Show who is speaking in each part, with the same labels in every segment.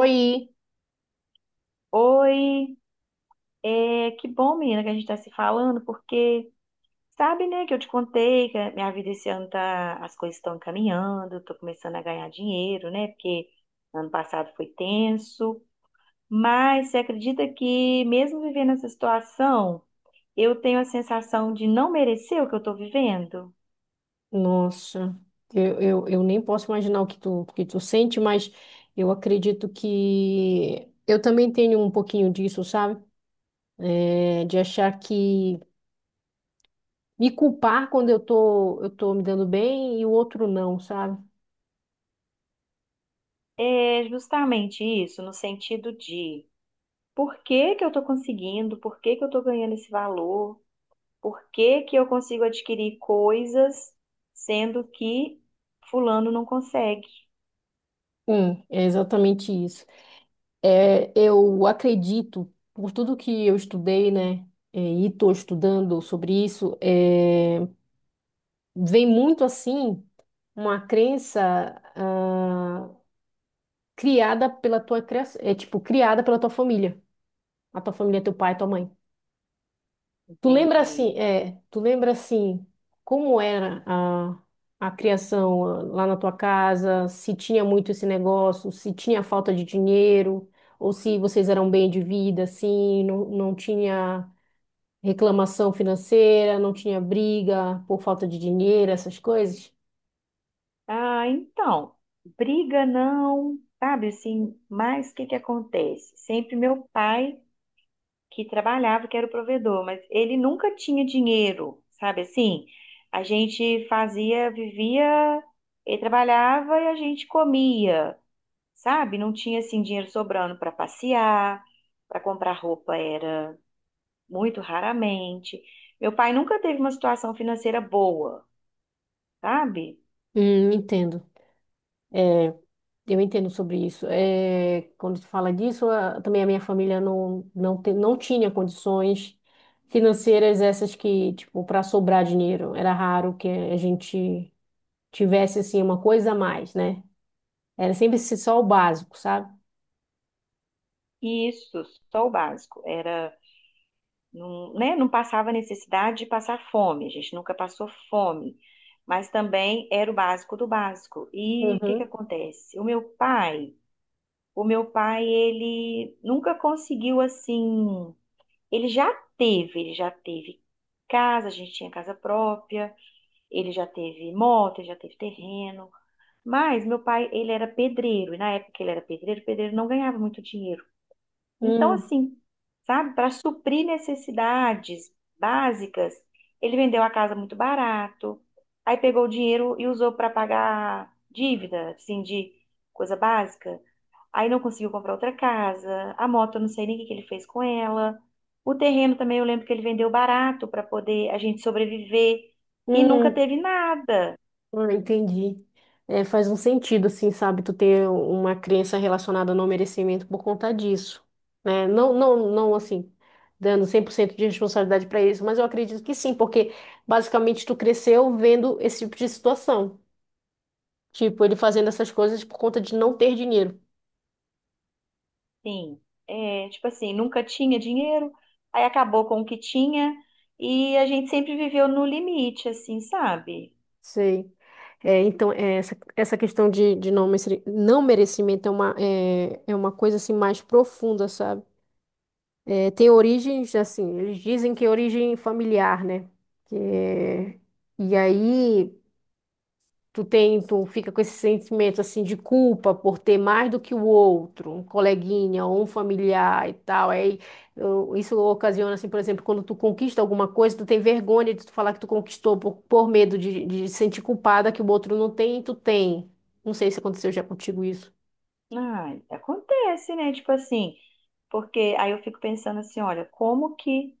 Speaker 1: Oi,
Speaker 2: Oi, que bom, menina, que a gente está se falando, porque sabe, né, que eu te contei que a minha vida esse ano tá, as coisas estão caminhando, tô começando a ganhar dinheiro, né, porque ano passado foi tenso, mas você acredita que mesmo vivendo essa situação, eu tenho a sensação de não merecer o que eu tô vivendo?
Speaker 1: nossa, eu nem posso imaginar o que tu sente, mas eu acredito que eu também tenho um pouquinho disso, sabe? De achar que me culpar quando eu tô me dando bem e o outro não, sabe?
Speaker 2: É justamente isso, no sentido de por que que eu tô conseguindo, por que que eu tô ganhando esse valor? Por que que eu consigo adquirir coisas sendo que fulano não consegue?
Speaker 1: É exatamente isso. Eu acredito, por tudo que eu estudei, né, e estou estudando sobre isso, vem muito assim uma crença ah, criada pela tua criação, é tipo criada pela tua família, a tua família, é teu pai, tua mãe. Tu lembra assim,
Speaker 2: Entendi.
Speaker 1: tu lembra assim como era a criação lá na tua casa, se tinha muito esse negócio, se tinha falta de dinheiro, ou se vocês eram bem de vida, assim, não tinha reclamação financeira, não tinha briga por falta de dinheiro, essas coisas?
Speaker 2: Ah, então, briga não, sabe assim, mas o que que acontece? Sempre meu pai que trabalhava, que era o provedor, mas ele nunca tinha dinheiro, sabe assim? A gente fazia, vivia, ele trabalhava e a gente comia, sabe? Não tinha assim dinheiro sobrando para passear, para comprar roupa era muito raramente. Meu pai nunca teve uma situação financeira boa, sabe?
Speaker 1: Entendo. É, eu entendo sobre isso. É, quando se fala disso, também a minha família não tinha condições financeiras essas que, tipo, para sobrar dinheiro. Era raro que a gente tivesse, assim, uma coisa a mais, né? Era sempre só o básico, sabe?
Speaker 2: E isso, só o básico. Era, não, né, não passava necessidade de passar fome, a gente nunca passou fome, mas também era o básico do básico. E o que que
Speaker 1: Uhum.
Speaker 2: acontece? O meu pai, ele nunca conseguiu assim, ele já teve casa, a gente tinha casa própria, ele já teve moto, ele já teve terreno. Mas meu pai, ele era pedreiro, e na época que ele era pedreiro, pedreiro não ganhava muito dinheiro. Então,
Speaker 1: Hum,
Speaker 2: assim, sabe, para suprir necessidades básicas, ele vendeu a casa muito barato, aí pegou o dinheiro e usou para pagar dívida, assim, de coisa básica. Aí não conseguiu comprar outra casa, a moto, eu não sei nem o que que ele fez com ela. O terreno também, eu lembro que ele vendeu barato para poder a gente sobreviver e nunca
Speaker 1: hum.
Speaker 2: teve nada.
Speaker 1: Ah, entendi. É, faz um sentido, assim, sabe, tu ter uma crença relacionada ao não merecimento por conta disso, né? Não, assim, dando 100% de responsabilidade para isso, mas eu acredito que sim, porque basicamente tu cresceu vendo esse tipo de situação, tipo, ele fazendo essas coisas por conta de não ter dinheiro.
Speaker 2: Sim, é, tipo assim, nunca tinha dinheiro, aí acabou com o que tinha e a gente sempre viveu no limite, assim, sabe?
Speaker 1: Sei. É, então, é, essa questão de não, não merecimento é uma, é uma coisa, assim, mais profunda, sabe? Tem origens, assim, eles dizem que é origem familiar, né? Que é- E aí tu tem, tu fica com esse sentimento assim de culpa por ter mais do que o outro, um coleguinha ou um familiar e tal. Isso ocasiona, assim, por exemplo, quando tu conquista alguma coisa, tu tem vergonha de tu falar que tu conquistou por medo de sentir culpada que o outro não tem e tu tem. Não sei se aconteceu já contigo isso.
Speaker 2: Ai, acontece, né? Tipo assim, porque aí eu fico pensando assim, olha, como que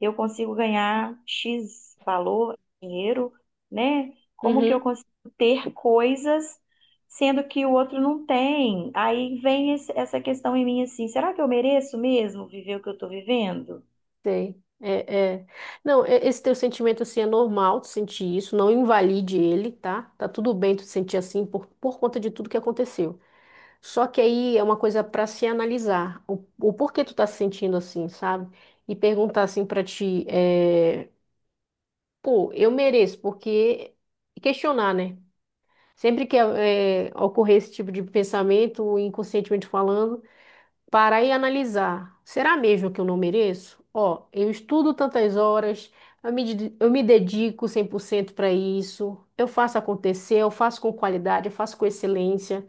Speaker 2: eu consigo ganhar X valor, dinheiro, né? Como que eu consigo ter coisas sendo que o outro não tem? Aí vem essa questão em mim assim, será que eu mereço mesmo viver o que eu tô vivendo?
Speaker 1: Sei. É, é. Não, esse teu sentimento assim é normal tu sentir isso, não invalide ele, tá? Tá tudo bem tu sentir assim por conta de tudo que aconteceu. Só que aí é uma coisa pra se analisar, o porquê tu tá se sentindo assim, sabe? E perguntar assim pra ti, pô, eu mereço, porque e questionar, né? Sempre que ocorrer esse tipo de pensamento, inconscientemente falando, parar e analisar. Será mesmo que eu não mereço? Ó, eu estudo tantas horas, eu me dedico 100% para isso, eu faço acontecer, eu faço com qualidade, eu faço com excelência,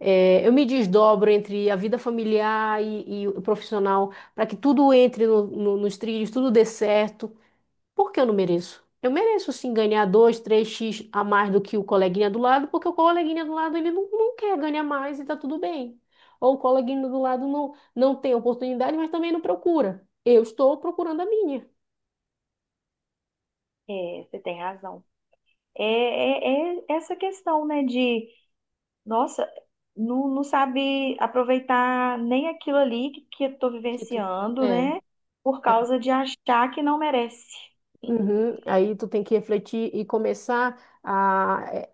Speaker 1: eu me desdobro entre a vida familiar e o profissional para que tudo entre nos trilhos, tudo dê certo. Por que eu não mereço? Eu mereço sim ganhar dois, três x a mais do que o coleguinha do lado, porque o coleguinha do lado ele não quer ganhar mais e tá tudo bem. Ou o coleguinha do lado não tem oportunidade, mas também não procura. Eu estou procurando a minha.
Speaker 2: É, você tem razão. É essa questão, né, de, nossa, não sabe aproveitar nem aquilo ali que eu tô
Speaker 1: Que tu,
Speaker 2: vivenciando,
Speaker 1: é.
Speaker 2: né, por
Speaker 1: É.
Speaker 2: causa de achar que não merece.
Speaker 1: Uhum. Aí tu tem que refletir e começar a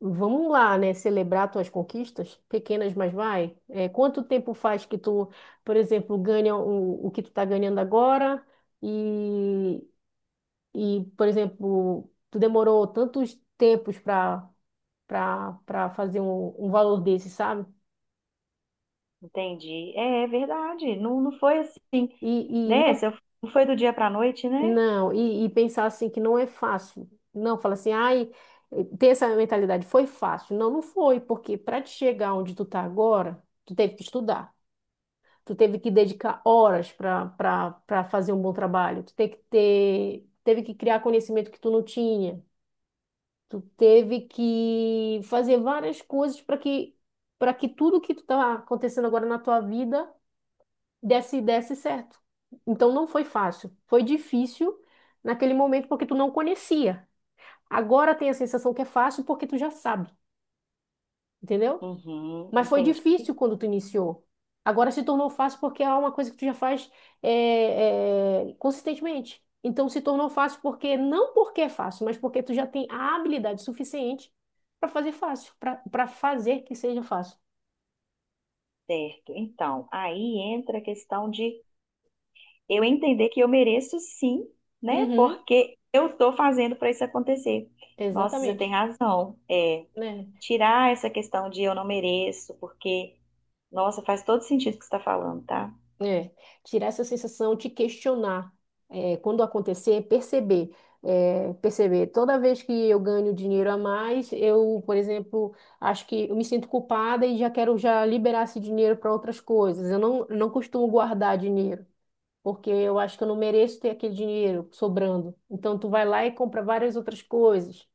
Speaker 1: vamos lá, né, celebrar tuas conquistas, pequenas, mas vai. É, quanto tempo faz que tu, por exemplo, ganha o que tu tá ganhando agora? e E, por exemplo, tu demorou tantos tempos para para fazer um valor desse, sabe?
Speaker 2: Entendi. É, é verdade. Não, não foi assim,
Speaker 1: E, e
Speaker 2: né?
Speaker 1: não
Speaker 2: Se eu- Não foi do dia para a noite, né?
Speaker 1: e pensar assim que não é fácil. Não, fala assim, ai, ter essa mentalidade foi fácil. Não foi, porque para te chegar onde tu tá agora, tu teve que estudar. Tu teve que dedicar horas para fazer um bom trabalho. Tu teve que ter teve que criar conhecimento que tu não tinha. Tu teve que fazer várias coisas para que tudo que tu tá acontecendo agora na tua vida desse certo. Então não foi fácil, foi difícil naquele momento porque tu não conhecia. Agora tem a sensação que é fácil porque tu já sabe, entendeu?
Speaker 2: Uhum,
Speaker 1: Mas foi
Speaker 2: entendi,
Speaker 1: difícil quando tu iniciou. Agora se tornou fácil porque é uma coisa que tu já faz consistentemente. Então se tornou fácil porque, não porque é fácil, mas porque tu já tem a habilidade suficiente para fazer fácil, para fazer que seja fácil.
Speaker 2: certo. Então, aí entra a questão de eu entender que eu mereço sim, né?
Speaker 1: Uhum,
Speaker 2: Porque eu estou fazendo para isso acontecer. Nossa, você tem
Speaker 1: exatamente.
Speaker 2: razão. É,
Speaker 1: Né?
Speaker 2: tirar essa questão de eu não mereço, porque, nossa, faz todo sentido o que você está falando, tá?
Speaker 1: É, tirar essa sensação de questionar, quando acontecer, perceber, perceber. Toda vez que eu ganho dinheiro a mais, eu, por exemplo, acho que eu me sinto culpada e já quero já liberar esse dinheiro para outras coisas. Eu não costumo guardar dinheiro, porque eu acho que eu não mereço ter aquele dinheiro sobrando. Então, tu vai lá e compra várias outras coisas.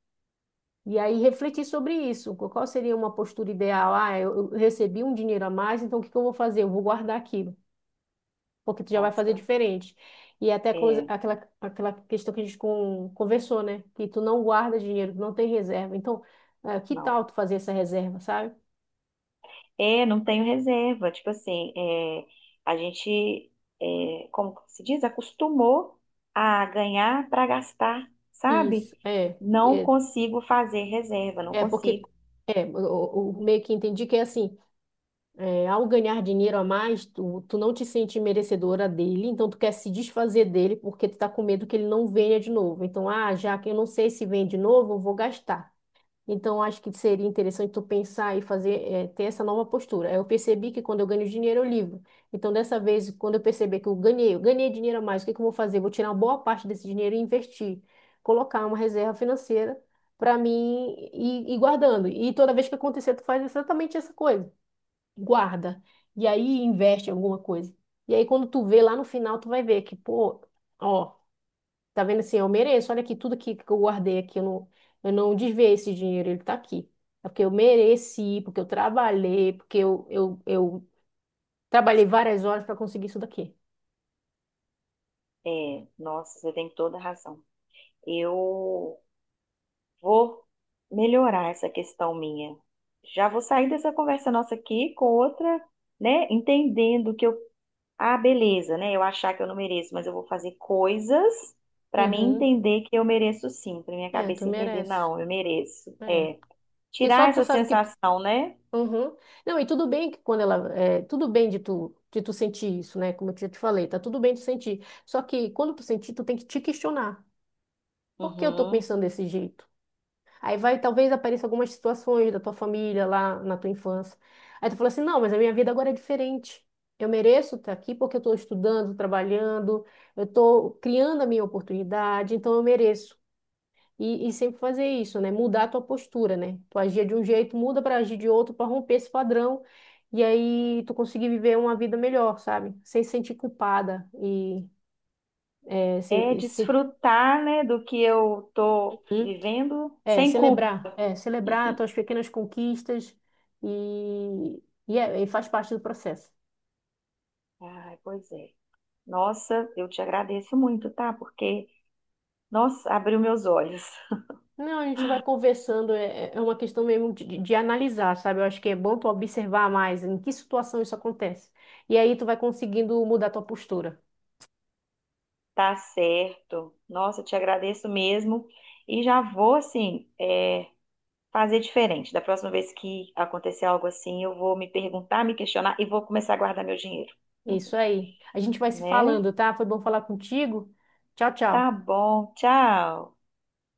Speaker 1: E aí refletir sobre isso, qual seria uma postura ideal? Ah, eu recebi um dinheiro a mais, então o que que eu vou fazer? Eu vou guardar aqui porque tu já vai fazer
Speaker 2: Nossa,
Speaker 1: diferente. E é até aquela,
Speaker 2: é,
Speaker 1: aquela aquela questão que a gente conversou, né? Que tu não guarda dinheiro, tu não tem reserva. Então, ah, que
Speaker 2: não.
Speaker 1: tal tu fazer essa reserva, sabe?
Speaker 2: É, não tenho reserva. Tipo assim, é, a gente, é, como que se diz, acostumou a ganhar para gastar,
Speaker 1: Isso,
Speaker 2: sabe?
Speaker 1: é.
Speaker 2: Não
Speaker 1: É,
Speaker 2: consigo fazer reserva, não
Speaker 1: é porque,
Speaker 2: consigo.
Speaker 1: o, meio que entendi que é assim, é, ao ganhar dinheiro a mais, tu não te sente merecedora dele, então tu quer se desfazer dele porque tu tá com medo que ele não venha de novo. Então, ah, já que eu não sei se vem de novo, eu vou gastar. Então, acho que seria interessante tu pensar e fazer, ter essa nova postura. Eu percebi que quando eu ganho dinheiro, eu livro. Então, dessa vez, quando eu perceber que eu ganhei dinheiro a mais, o que que eu vou fazer? Vou tirar uma boa parte desse dinheiro e investir, colocar uma reserva financeira para mim e guardando. E toda vez que acontecer, tu faz exatamente essa coisa. Guarda. E aí investe em alguma coisa. E aí, quando tu vê lá no final, tu vai ver que, pô, ó. Tá vendo assim, eu mereço. Olha aqui, tudo aqui que eu guardei aqui, eu não desviei esse dinheiro, ele tá aqui. É porque eu mereci, porque eu trabalhei, porque eu trabalhei várias horas para conseguir isso daqui.
Speaker 2: É, nossa, você tem toda a razão. Eu vou melhorar essa questão minha. Já vou sair dessa conversa nossa aqui com outra, né? Entendendo o que eu... Ah, beleza, né? Eu achar que eu não mereço, mas eu vou fazer coisas pra mim
Speaker 1: Uhum.
Speaker 2: entender que eu mereço sim, pra minha
Speaker 1: É, tu
Speaker 2: cabeça entender,
Speaker 1: merece.
Speaker 2: não, eu mereço.
Speaker 1: É.
Speaker 2: É,
Speaker 1: Porque só
Speaker 2: tirar
Speaker 1: tu
Speaker 2: essa
Speaker 1: sabe que.
Speaker 2: sensação, né?
Speaker 1: Uhum. Não, e tudo bem que quando ela. É, tudo bem de tu sentir isso, né? Como eu já te falei, tá tudo bem de sentir. Só que quando tu sentir, tu tem que te questionar. Por que eu tô
Speaker 2: Uhum.
Speaker 1: pensando desse jeito? Aí vai, talvez apareça algumas situações da tua família lá na tua infância. Aí tu fala assim, não, mas a minha vida agora é diferente. Eu mereço estar aqui porque eu estou estudando, trabalhando, eu estou criando a minha oportunidade, então eu mereço. E sempre fazer isso, né? Mudar a tua postura, né? Tu agia de um jeito, muda para agir de outro, para romper esse padrão. E aí tu conseguir viver uma vida melhor, sabe? Sem se sentir culpada e é,
Speaker 2: É
Speaker 1: sem, sem-
Speaker 2: desfrutar, né, do que eu tô vivendo sem culpa.
Speaker 1: É, celebrar tuas pequenas conquistas e, e faz parte do processo.
Speaker 2: Ai, pois é. Nossa, eu te agradeço muito, tá? Porque, nossa, abriu meus olhos.
Speaker 1: Não, a gente vai conversando, é uma questão mesmo de analisar, sabe? Eu acho que é bom tu observar mais em que situação isso acontece. E aí tu vai conseguindo mudar tua postura.
Speaker 2: Tá certo. Nossa, eu te agradeço mesmo. E já vou, assim, é, fazer diferente. Da próxima vez que acontecer algo assim, eu vou me perguntar, me questionar e vou começar a guardar meu dinheiro,
Speaker 1: É isso aí. A gente vai se
Speaker 2: né?
Speaker 1: falando, tá? Foi bom falar contigo. Tchau,
Speaker 2: Tá
Speaker 1: tchau.
Speaker 2: bom, tchau.